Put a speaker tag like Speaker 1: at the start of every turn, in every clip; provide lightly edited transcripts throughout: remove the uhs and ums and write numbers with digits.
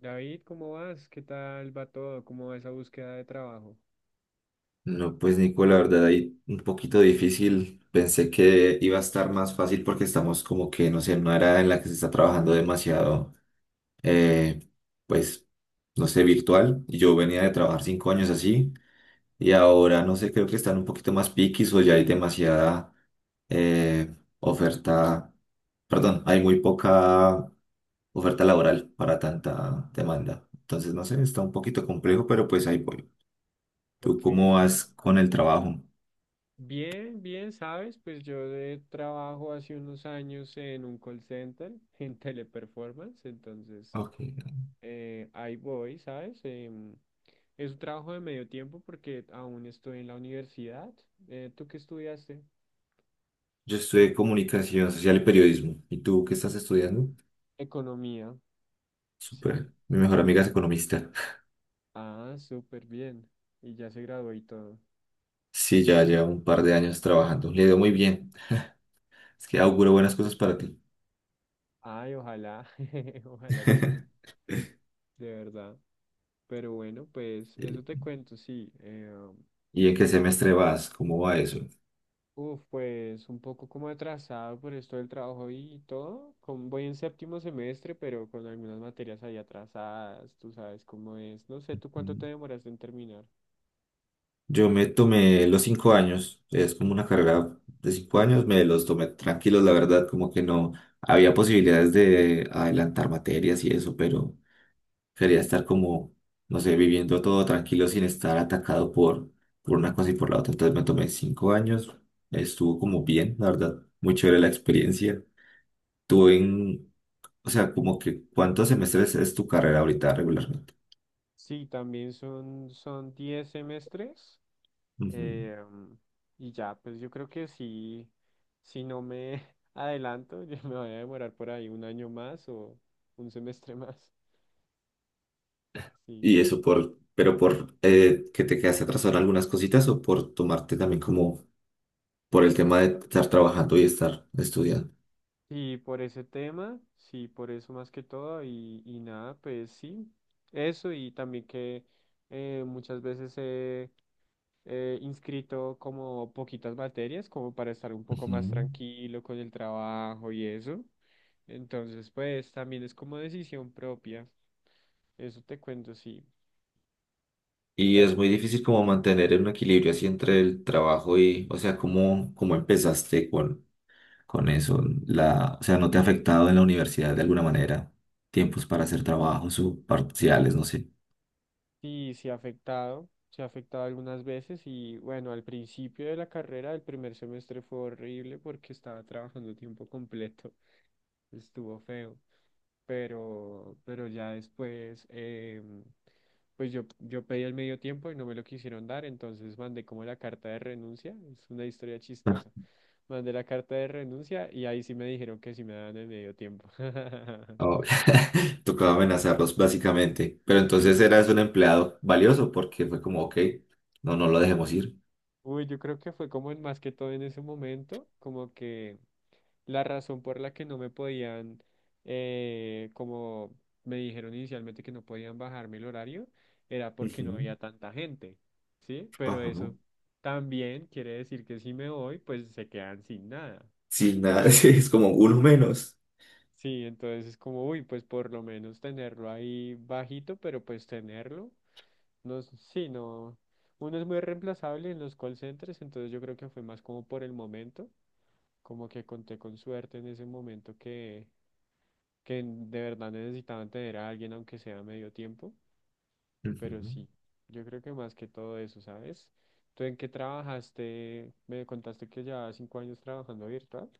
Speaker 1: David, ¿cómo vas? ¿Qué tal va todo? ¿Cómo va esa búsqueda de trabajo?
Speaker 2: No, pues Nico, la verdad ahí un poquito difícil. Pensé que iba a estar más fácil porque estamos como que, no sé, en una era en la que se está trabajando demasiado, eh, pues, no sé, virtual. Yo venía de trabajar 5 años así y ahora, no sé, creo que están un poquito más piquis o ya hay demasiada eh, oferta, perdón, hay muy poca oferta laboral para tanta demanda. Entonces, no sé, está un poquito complejo, pero pues ahí voy. ¿Tú
Speaker 1: Ok,
Speaker 2: cómo vas con el trabajo?
Speaker 1: bien, bien, sabes, pues yo de trabajo hace unos años en un call center, en Teleperformance, entonces
Speaker 2: Ok.
Speaker 1: ahí voy, ¿sabes? Es un trabajo de medio tiempo porque aún estoy en la universidad. ¿Tú qué estudiaste?
Speaker 2: Yo estudié comunicación social y periodismo. ¿Y tú qué estás estudiando?
Speaker 1: Economía, sí.
Speaker 2: Súper. Mi mejor amiga es economista.
Speaker 1: Ah, súper bien. Y ya se graduó y todo.
Speaker 2: Sí, ya lleva un par de años trabajando. Le dio muy bien. Es que
Speaker 1: Ah,
Speaker 2: auguro buenas cosas para ti.
Speaker 1: ay, ojalá, ojalá que sí, de verdad. Pero bueno, pues eso
Speaker 2: ¿Y
Speaker 1: te cuento, sí.
Speaker 2: y en
Speaker 1: Y
Speaker 2: qué
Speaker 1: entonces,
Speaker 2: semestre vas? ¿Cómo va eso?
Speaker 1: uf, pues un poco como atrasado por esto del trabajo y todo. Como voy en séptimo semestre, pero con algunas materias ahí atrasadas, tú sabes cómo es. No sé, ¿tú cuánto
Speaker 2: Mm.
Speaker 1: te demoras en terminar?
Speaker 2: Yo me tomé los 5 años. Es como una carrera de 5 años. Me los tomé tranquilos, la verdad. Como que no había posibilidades de adelantar materias y eso, pero quería estar como, no sé, viviendo todo tranquilo sin estar atacado por una cosa y por la otra. Entonces me tomé 5 años, estuvo como bien, la verdad, muy chévere la experiencia. Tuve en, o sea, como que, ¿cuántos semestres es tu carrera ahorita regularmente?
Speaker 1: Sí, también son 10 semestres.
Speaker 2: Ujú.
Speaker 1: eh, y ya, pues yo creo que sí, si no me adelanto, yo me voy a demorar por ahí un año más o un semestre más. Sí.
Speaker 2: Y eso pero por que te quedaste atrasado en algunas cositas o por tomarte también como por el tema de estar trabajando y estar estudiando.
Speaker 1: Y por ese tema, sí, por eso más que todo, y nada, pues sí, eso y también que muchas veces he inscrito como poquitas materias, como para estar un poco más
Speaker 2: Ujú.
Speaker 1: tranquilo con el trabajo y eso. Entonces, pues también es como decisión propia, eso te cuento, sí,
Speaker 2: Y
Speaker 1: pero
Speaker 2: es muy
Speaker 1: bueno.
Speaker 2: difícil como mantener un equilibrio así entre el trabajo y, o sea, ¿cómo empezaste con eso? O sea, ¿no te ha afectado en la universidad de alguna manera? Tiempos para hacer trabajos o parciales, no sé.
Speaker 1: Sí, sí ha afectado, se ha afectado algunas veces y bueno, al principio de la carrera, el primer semestre fue horrible porque estaba trabajando tiempo completo, estuvo feo, pero ya después, pues yo pedí el medio tiempo y no me lo quisieron dar, entonces mandé como la carta de renuncia, es una historia
Speaker 2: Ah.
Speaker 1: chistosa, mandé la carta de renuncia y ahí sí me dijeron que sí me daban el medio tiempo.
Speaker 2: Oh, tocaba amenazarlos básicamente. Pero entonces
Speaker 1: Sí.
Speaker 2: eras un empleado valioso porque fue como, ok, no, no lo dejemos ir.
Speaker 1: Uy, yo creo que fue como en más que todo en ese momento, como que... La razón por la que no me podían, como me dijeron inicialmente que no podían bajarme el horario, era porque no
Speaker 2: Ujú.
Speaker 1: había tanta gente, ¿sí? Pero
Speaker 2: Bajamos.
Speaker 1: eso también quiere decir que si me voy, pues se quedan sin nada.
Speaker 2: Sin nada, sí, es como uno menos.
Speaker 1: Sí, entonces es como, uy, pues por lo menos tenerlo ahí bajito, pero pues tenerlo, no, sí, no, uno es muy reemplazable en los call centers, entonces yo creo que fue más como por el momento, como que conté con suerte en ese momento que de verdad necesitaban tener a alguien, aunque sea medio tiempo, pero
Speaker 2: Ujú.
Speaker 1: sí, yo creo que más que todo eso, ¿sabes? ¿Tú en qué trabajaste? Me contaste que llevabas 5 años trabajando virtual.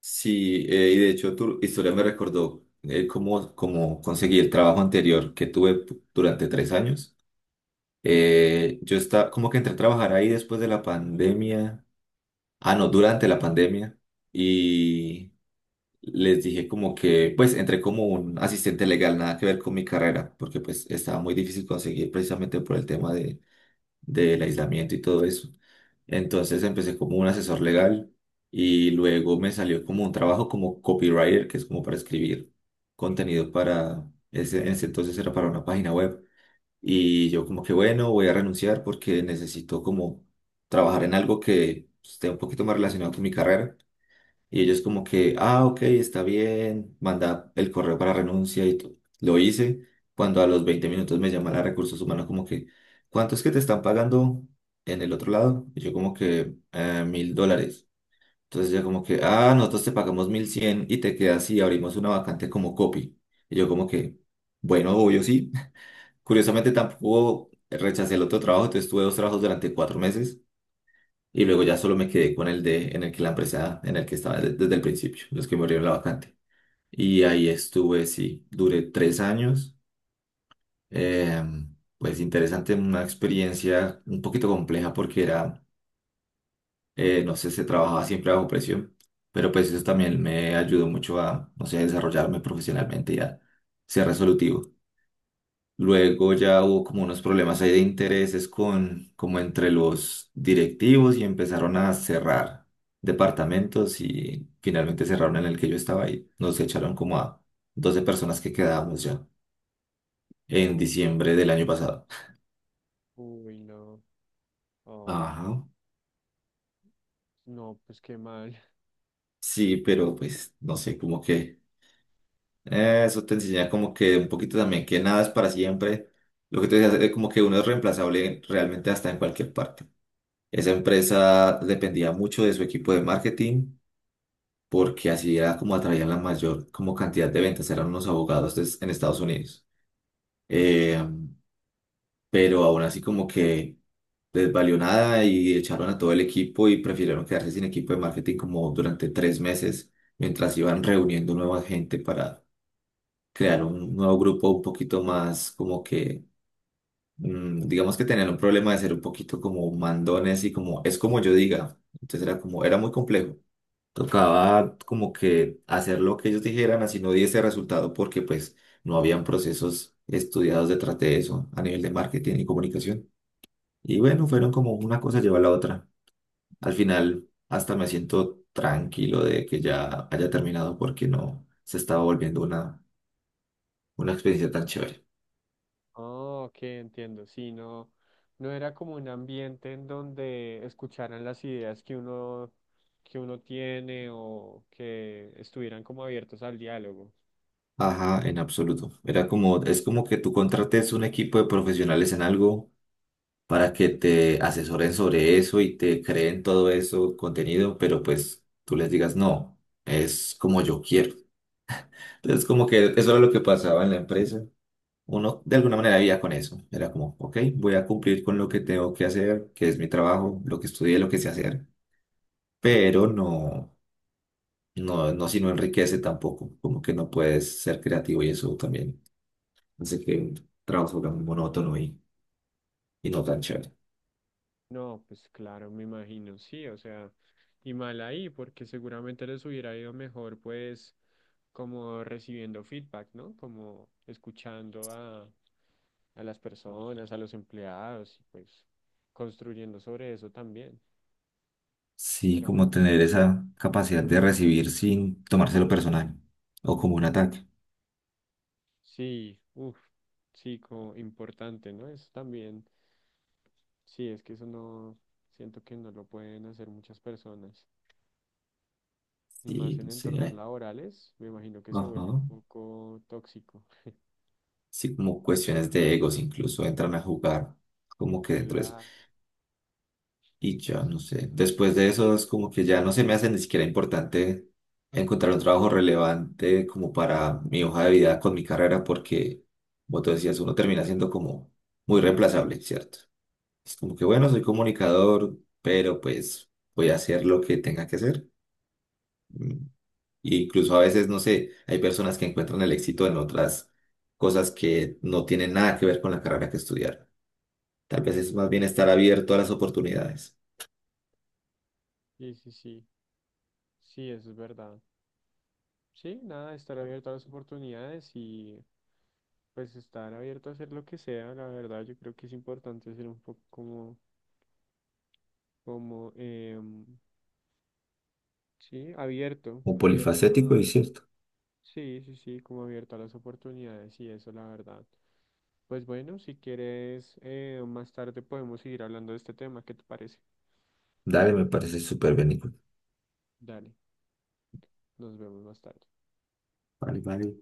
Speaker 2: Sí, y de hecho tu historia me recordó cómo, cómo conseguí el trabajo anterior que tuve durante 3 años. Yo estaba, como que entré a trabajar ahí después de la pandemia, ah, no, durante la pandemia, y les dije como que, pues entré como un asistente legal, nada que ver con mi carrera, porque pues estaba muy difícil conseguir precisamente por el tema de del aislamiento y todo eso. Entonces empecé como un asesor legal y luego me salió como un trabajo como copywriter, que es como para escribir contenido para, ese, en ese entonces era para una página web. Y yo como que bueno, voy a renunciar porque necesito como trabajar en algo que esté un poquito más relacionado con mi carrera. Y ellos como que, ah, ok, está bien, manda el correo para renuncia y todo. Lo hice cuando a los 20 minutos me llama la recursos humanos como que, ¿cuánto es que te están pagando en el otro lado? Y yo como que, $1.000. Entonces ya como que, ah, nosotros te pagamos 1.100 y te quedas y abrimos una vacante como copy. Y yo como que, bueno, obvio sí. Curiosamente tampoco rechacé el otro trabajo, entonces tuve dos trabajos durante 4 meses y luego ya solo me quedé con el de en el que la empresa en el que estaba desde el principio, los que me abrieron la vacante. Y ahí estuve, sí, duré 3 años. Eh, pues interesante, una experiencia un poquito compleja porque era, no sé, se trabajaba siempre bajo presión, pero pues eso también me ayudó mucho a, no sé, a desarrollarme profesionalmente y a ser resolutivo. Luego ya hubo como unos problemas ahí de intereses con, como entre los directivos y empezaron a cerrar departamentos y finalmente cerraron en el que yo estaba ahí. Nos echaron como a 12 personas que quedábamos ya en
Speaker 1: Oh,
Speaker 2: diciembre del año pasado.
Speaker 1: uy, no, oh,
Speaker 2: Ajá.
Speaker 1: no, pues qué mal.
Speaker 2: Sí, pero pues no sé, como que eso te enseña como que un poquito también que nada es para siempre. Lo que te decía es como que uno es reemplazable realmente hasta en cualquier parte. Esa empresa dependía mucho de su equipo de marketing porque así era como atraían la mayor como cantidad de ventas, eran unos abogados en Estados Unidos. Eh, pero aún así como que les valió nada y echaron a todo el equipo y prefirieron quedarse sin equipo de marketing como durante 3 meses mientras iban reuniendo nueva gente para crear un nuevo grupo un poquito más como que, digamos que tenían un problema de ser un poquito como mandones y como es como yo diga. Entonces era como, era muy complejo. Tocaba como que hacer lo que ellos dijeran, así no diese resultado, porque pues no habían procesos estudiados detrás de eso a nivel de marketing y comunicación. Y bueno, fueron como una cosa lleva a la otra. Al final, hasta me siento tranquilo de que ya haya terminado porque no se estaba volviendo una experiencia tan chévere.
Speaker 1: Oh, ok, entiendo, sí, no, no era como un ambiente en donde escucharan las ideas que uno tiene o que estuvieran como abiertos al diálogo.
Speaker 2: Ajá, en absoluto. Era como, es como que tú contrates un equipo de profesionales en algo para que te asesoren sobre eso y te creen todo eso contenido, pero pues tú les digas, no, es como yo quiero. Entonces, como que eso era lo que pasaba en la empresa. Uno de alguna manera vivía con eso. Era como, ok, voy a cumplir con lo que tengo que hacer, que es mi trabajo, lo que estudié, lo que sé hacer, pero no, no, no, si no enriquece tampoco, como que no puedes ser creativo y eso también hace que un trabajo sea muy monótono y no tan chévere.
Speaker 1: No, pues claro, me imagino, sí, o sea, y mal ahí, porque seguramente les hubiera ido mejor, pues, como recibiendo feedback, ¿no? Como escuchando a las personas, a los empleados, y pues construyendo sobre eso también.
Speaker 2: Sí,
Speaker 1: Pero bueno,
Speaker 2: como tener esa capacidad de recibir sin tomárselo personal o como un ataque.
Speaker 1: sí, uff, sí, como importante, ¿no? Eso también, sí, es que eso no, siento que no lo pueden hacer muchas personas. Y
Speaker 2: Sí,
Speaker 1: más en
Speaker 2: no sé.
Speaker 1: entornos laborales, me imagino que se
Speaker 2: Ajá.
Speaker 1: vuelve un poco tóxico.
Speaker 2: Sí, como cuestiones de egos incluso entran a jugar como que dentro de eso.
Speaker 1: Claro,
Speaker 2: Y ya, no sé. Después de eso es como que ya no se me hace ni siquiera importante encontrar un trabajo relevante como para mi hoja de vida con mi carrera porque, como tú decías, uno termina siendo como muy reemplazable, ¿cierto? Es como que, bueno, soy comunicador, pero pues voy a hacer lo que tenga que hacer. Mm, E incluso a veces, no sé, hay personas que encuentran el éxito en otras cosas que no tienen nada que ver con la carrera que estudiaron. Tal vez
Speaker 1: eso
Speaker 2: es
Speaker 1: es
Speaker 2: más
Speaker 1: muy
Speaker 2: bien estar
Speaker 1: cierto.
Speaker 2: abierto a las oportunidades.
Speaker 1: Sí, sí, sí, sí, sí, eso es verdad. Sí, nada, estar abierto a las oportunidades y pues estar abierto a hacer lo que sea, la verdad, yo creo que es importante ser un poco como, como, sí, abierto,
Speaker 2: Un
Speaker 1: abierto a,
Speaker 2: polifacético y cierto.
Speaker 1: sí, sí, sí, como abierto a las oportunidades y eso, la verdad. Pues bueno, si quieres, más tarde podemos seguir hablando de este tema, ¿qué te parece?
Speaker 2: Dale, me parece súper bien, Nico.
Speaker 1: Dale, nos vemos más tarde.
Speaker 2: Vale, vale.